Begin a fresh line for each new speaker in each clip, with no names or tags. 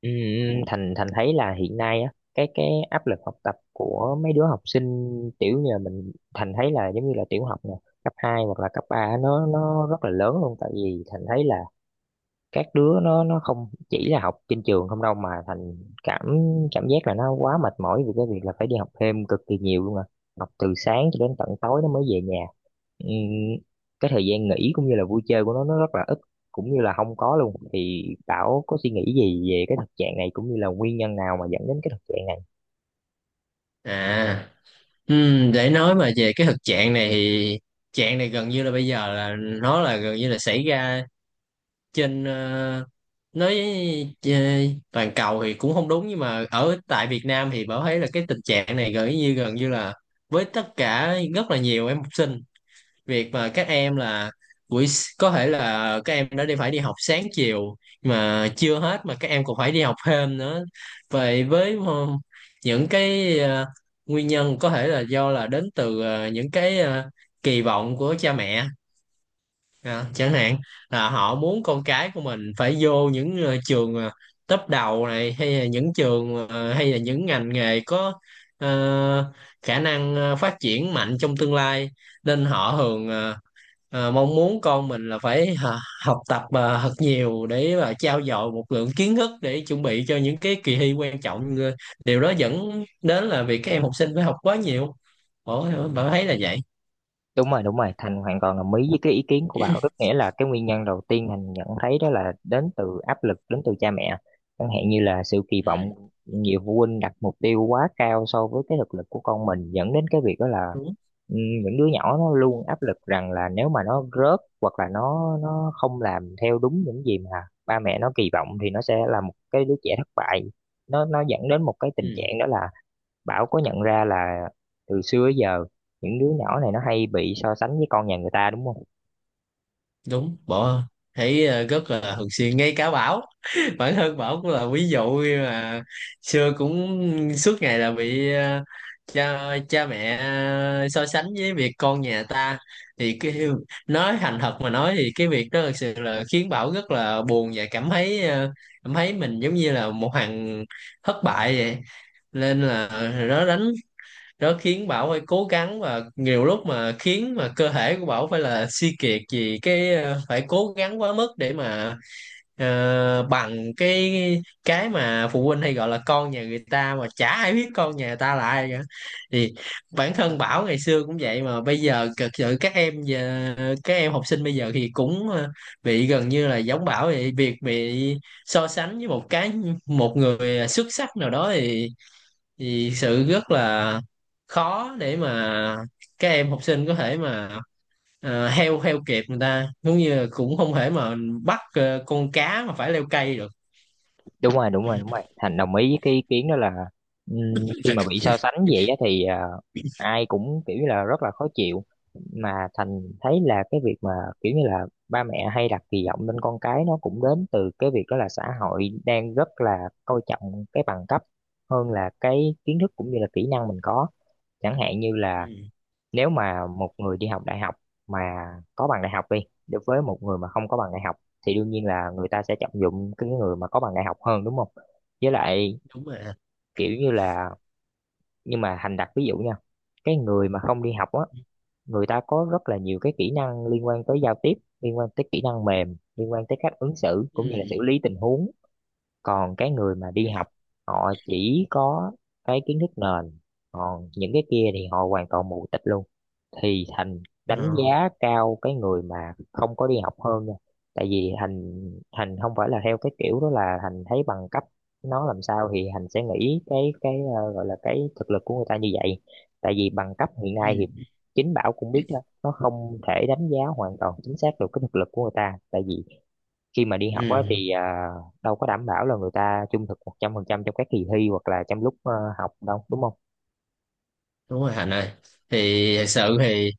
Ừ, Thành Thành thấy là hiện nay á cái áp lực học tập của mấy đứa học sinh tiểu như là mình Thành thấy là giống như là tiểu học nè, cấp 2 hoặc là cấp 3, nó rất là lớn luôn. Tại vì Thành thấy là các đứa nó không chỉ là học trên trường không đâu mà thành cảm cảm giác là nó quá mệt mỏi vì cái việc là phải đi học thêm cực kỳ nhiều luôn à, học từ sáng cho đến tận tối nó mới về nhà. Ừm, cái thời gian nghỉ cũng như là vui chơi của nó rất là ít, cũng như là không có luôn. Thì Bảo có suy nghĩ gì về cái thực trạng này cũng như là nguyên nhân nào mà dẫn đến cái thực trạng này?
À, để nói về cái thực trạng này thì trạng này gần như là bây giờ là nó là gần như là xảy ra trên nói ờ, toàn cầu thì cũng không đúng, nhưng mà ở tại Việt Nam thì Bảo thấy là cái tình trạng này gần như là với tất cả rất là nhiều em học sinh. Việc mà các em là có thể là các em đã phải đi học sáng chiều mà chưa hết, mà các em còn phải đi học thêm nữa vậy. Với những cái nguyên nhân có thể là do là đến từ những cái kỳ vọng của cha mẹ, à, chẳng hạn là họ muốn con cái của mình phải vô những trường top đầu này, hay là hay là những ngành nghề có ờ, khả năng ờ, phát triển mạnh trong tương lai. Nên họ thường mong muốn con mình là phải học tập thật nhiều để mà trau dồi một lượng kiến thức để chuẩn bị cho những cái kỳ thi quan trọng. Ờ, Điều đó dẫn đến là việc các em học sinh phải học quá nhiều, bạn thấy là vậy.
Đúng rồi, Thành hoàn toàn đồng ý với cái ý kiến của Bảo. Rất nghĩa là cái nguyên nhân đầu tiên Thành nhận thấy đó là đến từ áp lực, đến từ cha mẹ. Chẳng hạn như là sự kỳ vọng,
ừ,
nhiều phụ huynh đặt mục tiêu quá cao so với cái thực lực của con mình, dẫn đến cái việc đó là,
đúng
ừ, những đứa nhỏ nó luôn áp lực rằng là nếu mà nó rớt hoặc là nó không làm theo đúng những gì mà ba mẹ nó kỳ vọng thì nó sẽ là một cái đứa trẻ thất bại. Nó dẫn đến một cái tình
ừ,
trạng đó là, Bảo có nhận ra là từ xưa tới giờ những đứa nhỏ này nó hay bị so sánh với con nhà người ta đúng không?
đúng, thấy rất là thường xuyên, ngay cả Bảo, bản thân Bảo cũng là ví dụ. Khi mà xưa cũng suốt ngày là bị ờ, cha cha mẹ ờ, so sánh với việc con nhà ta, thì cái nói thành thật mà nói thì cái việc đó thực sự là khiến Bảo rất là buồn và cảm thấy, cảm thấy mình giống như là một thằng thất bại vậy. Nên là nó đánh nó khiến Bảo phải cố gắng, và nhiều lúc mà khiến mà cơ thể của Bảo phải là suy kiệt vì phải cố gắng quá mức để mà bằng cái mà phụ huynh hay gọi là con nhà người ta, mà chả ai biết con nhà người ta là ai cả. Thì bản thân Bảo ngày xưa cũng vậy, mà bây giờ thực sự các em học sinh bây giờ thì cũng bị gần như là giống Bảo vậy, việc bị so sánh với một người xuất sắc nào đó, thì sự rất là khó để mà các em học sinh có thể mà heo heo kẹp người ta, giống như là cũng không thể mà bắt con cá mà phải leo cây được.
Đúng rồi, đúng rồi, đúng rồi. Thành đồng ý với cái ý kiến đó là, khi mà bị so sánh vậy á thì, à, ai cũng kiểu như là rất là khó chịu. Mà Thành thấy là cái việc mà kiểu như là ba mẹ hay đặt kỳ vọng lên con cái, nó cũng đến từ cái việc đó là xã hội đang rất là coi trọng cái bằng cấp hơn là cái kiến thức cũng như là kỹ năng mình có. Chẳng hạn như là
Ừ,
nếu mà một người đi học đại học mà có bằng đại học đi, đối với một người mà không có bằng đại học, thì đương nhiên là người ta sẽ trọng dụng cái người mà có bằng đại học hơn đúng không. Với lại
đúng rồi
kiểu như là, nhưng mà Thành đặt ví dụ nha, cái người mà không đi học á, người ta có rất là nhiều cái kỹ năng liên quan tới giao tiếp, liên quan tới kỹ năng mềm, liên quan tới cách ứng xử cũng như là xử
ừ.
lý tình huống. Còn cái người mà đi học, họ chỉ có cái kiến thức nền, còn những cái kia thì họ hoàn toàn mù tịt luôn. Thì Thành đánh
ờ,
giá cao cái người mà không có đi học hơn nha. Tại vì Thành Thành không phải là theo cái kiểu đó, là Thành thấy bằng cấp nó làm sao thì Thành sẽ nghĩ cái gọi là cái thực lực của người ta như vậy. Tại vì bằng cấp hiện
ừ.
nay thì chính Bảo cũng biết đó, nó không thể đánh giá hoàn toàn chính xác được cái thực lực của người ta. Tại vì khi mà đi
ừ,
học á thì, à, đâu có đảm bảo là người ta trung thực 100% trong các kỳ thi hoặc là trong lúc học đâu đúng không.
đúng rồi Hạnh ơi. Thì thật sự thì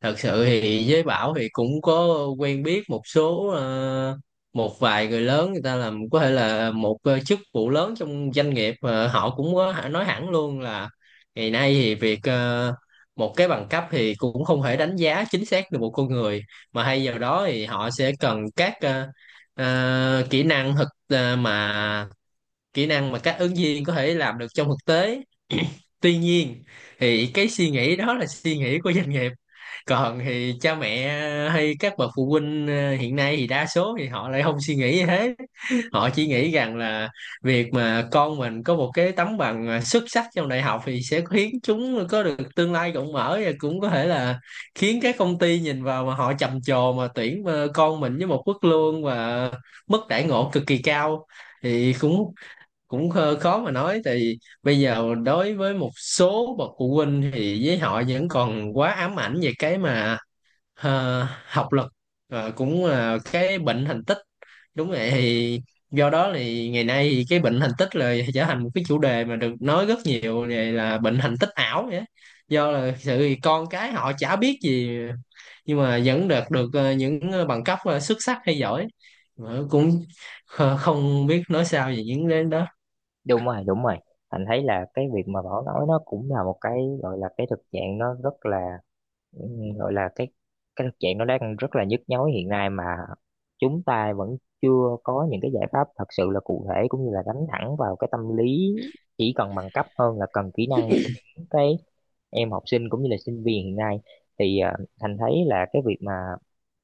Thật sự thì với Bảo thì cũng có quen biết một vài người lớn, người ta làm có thể là một chức vụ lớn trong doanh nghiệp, họ cũng nói hẳn luôn là ngày nay thì việc một cái bằng cấp thì cũng không thể đánh giá chính xác được một con người, mà hay vào đó thì họ sẽ cần các kỹ năng thực ờ, mà kỹ năng mà các ứng viên có thể làm được trong thực tế. Tuy nhiên thì cái suy nghĩ đó là suy nghĩ của doanh nghiệp, còn thì cha mẹ hay các bậc phụ huynh hiện nay thì đa số thì họ lại không suy nghĩ như thế. Họ chỉ nghĩ rằng là việc mà con mình có một cái tấm bằng xuất sắc trong đại học thì sẽ khiến chúng có được tương lai rộng mở, và cũng có thể là khiến các công ty nhìn vào mà họ trầm trồ mà tuyển con mình với một mức lương và mức đãi ngộ cực kỳ cao. Thì cũng cũng khó khó mà nói thì bây giờ đối với một số bậc phụ huynh thì với họ vẫn còn quá ám ảnh về cái mà học lực, cũng là cái bệnh thành tích. Đúng vậy, thì do đó thì ngày nay thì cái bệnh thành tích là trở thành một cái chủ đề mà được nói rất nhiều, về là bệnh thành tích ảo vậy á. Do là sự con cái họ chả biết gì nhưng mà vẫn được được ờ, những ờ, bằng cấp ờ, xuất sắc hay giỏi, mà cũng không biết nói sao về những đến đó.
Đúng rồi, đúng rồi, anh thấy là cái việc mà Bảo nói nó cũng là một cái gọi là cái thực trạng nó rất là, ừm, gọi là cái thực trạng nó đang rất là nhức nhối hiện nay, mà chúng ta vẫn chưa có những cái giải pháp thật sự là cụ thể cũng như là đánh thẳng vào cái tâm lý chỉ cần bằng cấp hơn là cần kỹ năng của những cái em học sinh cũng như là sinh viên hiện nay. Thì Thành thấy là cái việc mà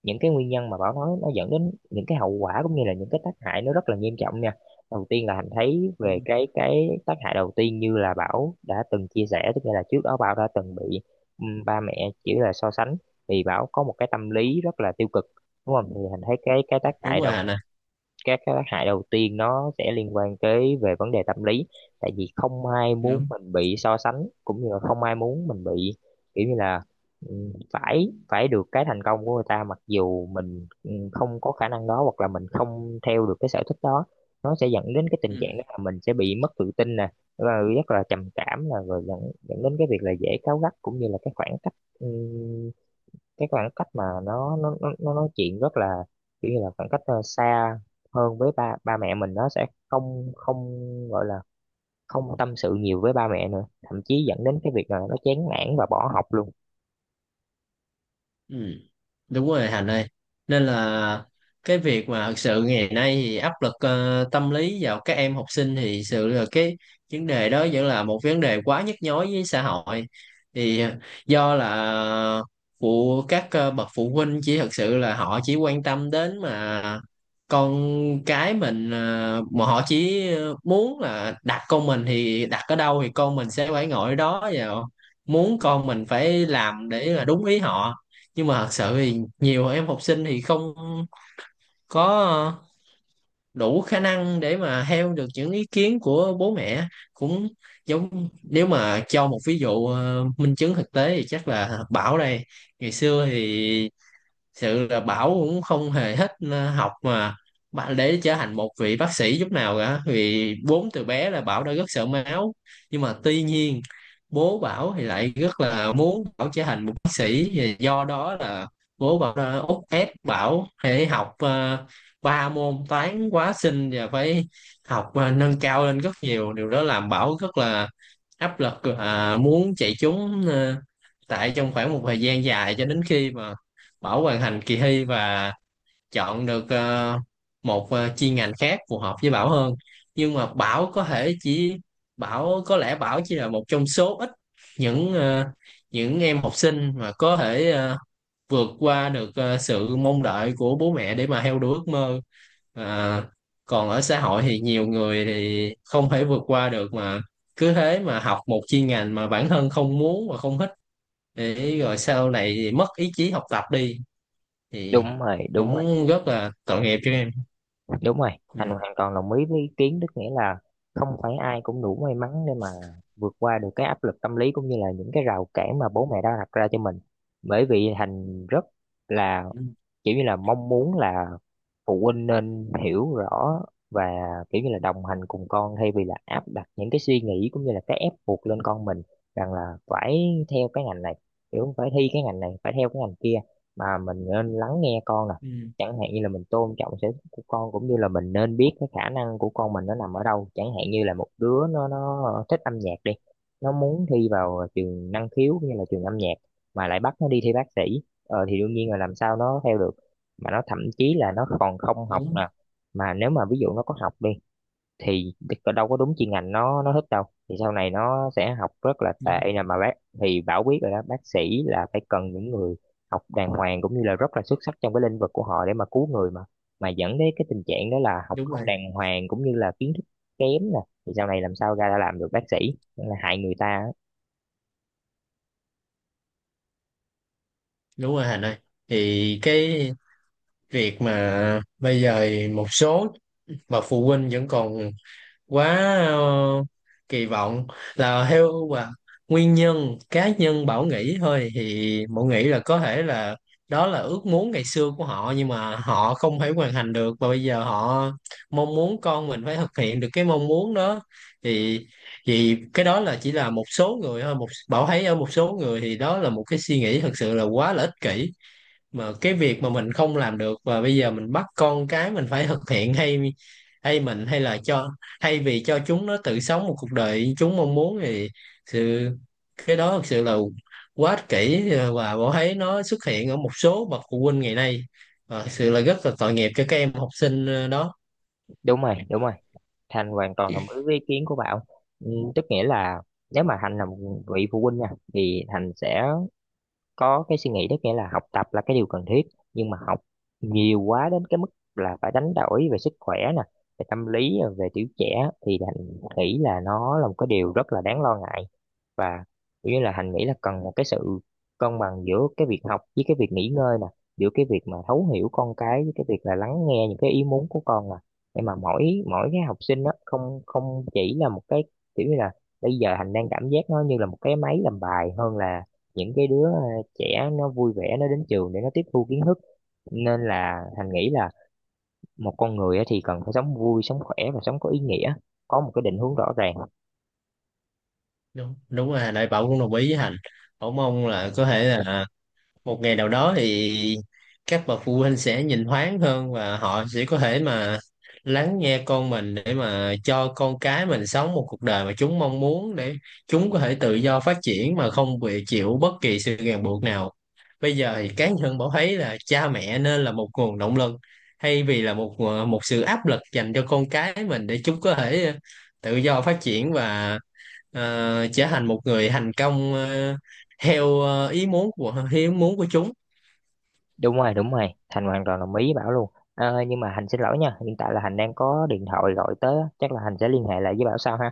những cái nguyên nhân mà Bảo nói, nó dẫn đến những cái hậu quả cũng như là những cái tác hại nó rất là nghiêm trọng nha. Đầu tiên là Thành thấy
Ừ,
về cái tác hại đầu tiên, như là Bảo đã từng chia sẻ, tức là trước đó Bảo đã từng bị, ừ, ba mẹ chỉ là so sánh, thì bảo có một cái tâm lý rất là tiêu cực đúng không. Thì thành thấy cái tác
Đúng
hại
rồi
đầu,
Hà nè.
các cái tác hại đầu tiên nó sẽ liên quan tới về vấn đề tâm lý. Tại vì không ai muốn
Đúng.
mình bị so sánh cũng như là không ai muốn mình bị, kiểu như là, ừ, phải phải được cái thành công của người ta mặc dù mình, ừ, không có khả năng đó hoặc là mình không theo được cái sở thích đó. Nó sẽ dẫn đến cái tình
Ừ.
trạng đó là mình sẽ bị mất tự tin nè, và rất là trầm cảm, là rồi dẫn dẫn đến cái việc là dễ cáu gắt cũng như là cái khoảng cách, ừ, cái khoảng cách mà nó nói chuyện rất là, kiểu như là, khoảng cách xa hơn với ba ba mẹ mình, nó sẽ không không gọi là không tâm sự nhiều với ba mẹ nữa, thậm chí dẫn đến cái việc là nó chán nản và bỏ học luôn.
Ừ, Đúng rồi Hành ơi. Nên là cái việc mà thực sự ngày nay thì áp lực tâm lý vào các em học sinh thì thực sự là cái vấn đề đó vẫn là một vấn đề quá nhức nhối với xã hội. thì ờ, Do là bậc phụ huynh chỉ thực sự là họ chỉ quan tâm đến mà con cái mình, mà họ chỉ muốn là đặt con mình thì đặt ở đâu thì con mình sẽ phải ngồi ở đó, và muốn con mình phải làm để là đúng ý họ. Nhưng mà thật sự thì nhiều em học sinh thì không có đủ khả năng để mà theo được những ý kiến của bố mẹ. Cũng giống nếu mà cho một ví dụ minh chứng thực tế thì chắc là Bảo đây, ngày xưa thì sự là Bảo cũng không hề thích học mà để trở thành một vị bác sĩ chút nào cả, vì bốn từ bé là Bảo đã rất sợ máu. Nhưng mà tuy nhiên bố Bảo thì lại rất là muốn Bảo trở thành một bác sĩ. Và do đó là bố Bảo đã úc ép Bảo phải học ba môn toán hóa sinh và phải học nâng cao lên rất nhiều. Điều đó làm Bảo rất là áp lực, à, muốn chạy trốn tại trong khoảng một thời gian dài, cho đến khi mà Bảo hoàn thành kỳ thi và chọn được một chuyên ngành khác phù hợp với Bảo hơn. Nhưng mà Bảo có lẽ Bảo chỉ là một trong số ít những ờ, những em học sinh mà có thể vượt qua được sự mong đợi của bố mẹ để mà theo đuổi ước mơ. À, còn ở xã hội thì nhiều người thì không thể vượt qua được, mà cứ thế mà học một chuyên ngành mà bản thân không muốn và không thích, để rồi sau này thì mất ý chí học tập đi, thì
Đúng rồi, đúng rồi,
cũng rất là tội nghiệp cho em.
đúng rồi.
Ừ.
Thành hoàn toàn đồng ý với ý kiến, tức nghĩa là không phải ai cũng đủ may mắn để mà vượt qua được cái áp lực tâm lý cũng như là những cái rào cản mà bố mẹ đã đặt ra cho mình. Bởi vì Thành rất là
Ừ.
kiểu như là mong muốn là phụ huynh nên hiểu rõ và kiểu như là đồng hành cùng con thay vì là áp đặt những cái suy nghĩ cũng như là cái ép buộc lên con mình, rằng là phải theo cái ngành này, kiểu phải thi cái ngành này, phải theo cái ngành kia. Mà mình nên lắng nghe con nè,
Ừ.
chẳng hạn như là mình tôn trọng sở thích của con, cũng như là mình nên biết cái khả năng của con mình nó nằm ở đâu. Chẳng hạn như là một đứa nó thích âm nhạc đi, nó muốn thi vào trường năng khiếu cũng như là trường âm nhạc, mà lại bắt nó đi thi bác sĩ, ờ, thì đương nhiên là làm sao nó theo được, mà nó thậm chí là nó còn không học
đúng
nè. Mà nếu mà ví dụ nó có học đi thì đâu có đúng chuyên ngành nó thích đâu, thì sau này nó sẽ học rất là
đúng
tệ nè mà bác. Thì Bảo biết rồi đó, bác sĩ là phải cần những người học đàng hoàng cũng như là rất là xuất sắc trong cái lĩnh vực của họ để mà cứu người mà. Mà dẫn đến cái tình trạng đó là học
Đúng
không
rồi.
đàng hoàng cũng như là kiến thức kém nè, thì sau này làm sao ra đã làm được bác sĩ. Nên là hại người ta á.
Đúng rồi Hành ơi, thì cái việc mà bây giờ một số bậc phụ huynh vẫn còn quá ờ, kỳ vọng là theo và nguyên nhân cá nhân Bảo nghĩ thôi, thì Bảo nghĩ là có thể là đó là ước muốn ngày xưa của họ nhưng mà họ không thể hoàn thành được, và bây giờ họ mong muốn con mình phải thực hiện được cái mong muốn đó. Thì thì cái đó là chỉ là một số người thôi, Bảo thấy ở một số người thì đó là một cái suy nghĩ thật sự là quá là ích kỷ. Mà cái việc mà mình không làm được và bây giờ mình bắt con cái mình phải thực hiện, hay hay mình hay là cho hay vì cho chúng nó tự sống một cuộc đời chúng mong muốn, thì sự cái đó thực sự là quá ích kỷ, và Bảo thấy nó xuất hiện ở một số bậc phụ huynh ngày nay, và thực sự là rất là tội nghiệp cho các em học sinh đó.
Đúng rồi, đúng rồi. Thành hoàn toàn đồng ý với ý kiến của bạn. Ừ, tức nghĩa là nếu mà Thành là một vị phụ huynh nha, thì Thành sẽ có cái suy nghĩ, tức nghĩa là học tập là cái điều cần thiết, nhưng mà học nhiều quá đến cái mức là phải đánh đổi về sức khỏe nè, về tâm lý, về tuổi trẻ, thì Thành nghĩ là nó là một cái điều rất là đáng lo ngại. Và kiểu như là Thành nghĩ là cần một cái sự cân bằng giữa cái việc học với cái việc nghỉ ngơi nè, giữa cái việc mà thấu hiểu con cái với cái việc là lắng nghe những cái ý muốn của con nè, để mà mỗi mỗi cái học sinh đó không không chỉ là một cái, kiểu như là, bây giờ Thành đang cảm giác nó như là một cái máy làm bài hơn là những cái đứa trẻ nó vui vẻ nó đến trường để nó tiếp thu kiến thức. Nên là Thành nghĩ là một con người á thì cần phải sống vui sống khỏe và sống có ý nghĩa, có một cái định hướng rõ ràng.
Đúng Đúng rồi Đại, Bảo cũng đồng ý với Hành. Bảo mong là có thể là một ngày nào đó thì các bậc phụ huynh sẽ nhìn thoáng hơn và họ sẽ có thể mà lắng nghe con mình để mà cho con cái mình sống một cuộc đời mà chúng mong muốn, để chúng có thể tự do phát triển mà không bị chịu bất kỳ sự ràng buộc nào. Bây giờ thì cá nhân Bảo thấy là cha mẹ nên là một nguồn động lực, thay vì là một sự áp lực dành cho con cái mình, để chúng có thể tự do phát triển và trở thành một người thành công theo ý muốn của chúng.
Đúng rồi, đúng rồi, Thành hoàn toàn đồng ý với Bảo luôn. Ờ, nhưng mà Hành xin lỗi nha, hiện tại là Hành đang có điện thoại gọi tới á. Chắc là Hành sẽ liên hệ lại với Bảo sau ha.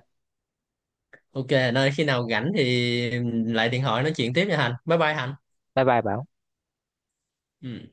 OK, nơi khi nào rảnh thì lại điện thoại nói chuyện tiếp nha Hành, bye bye Hành.
Bye bye Bảo.
Ừ.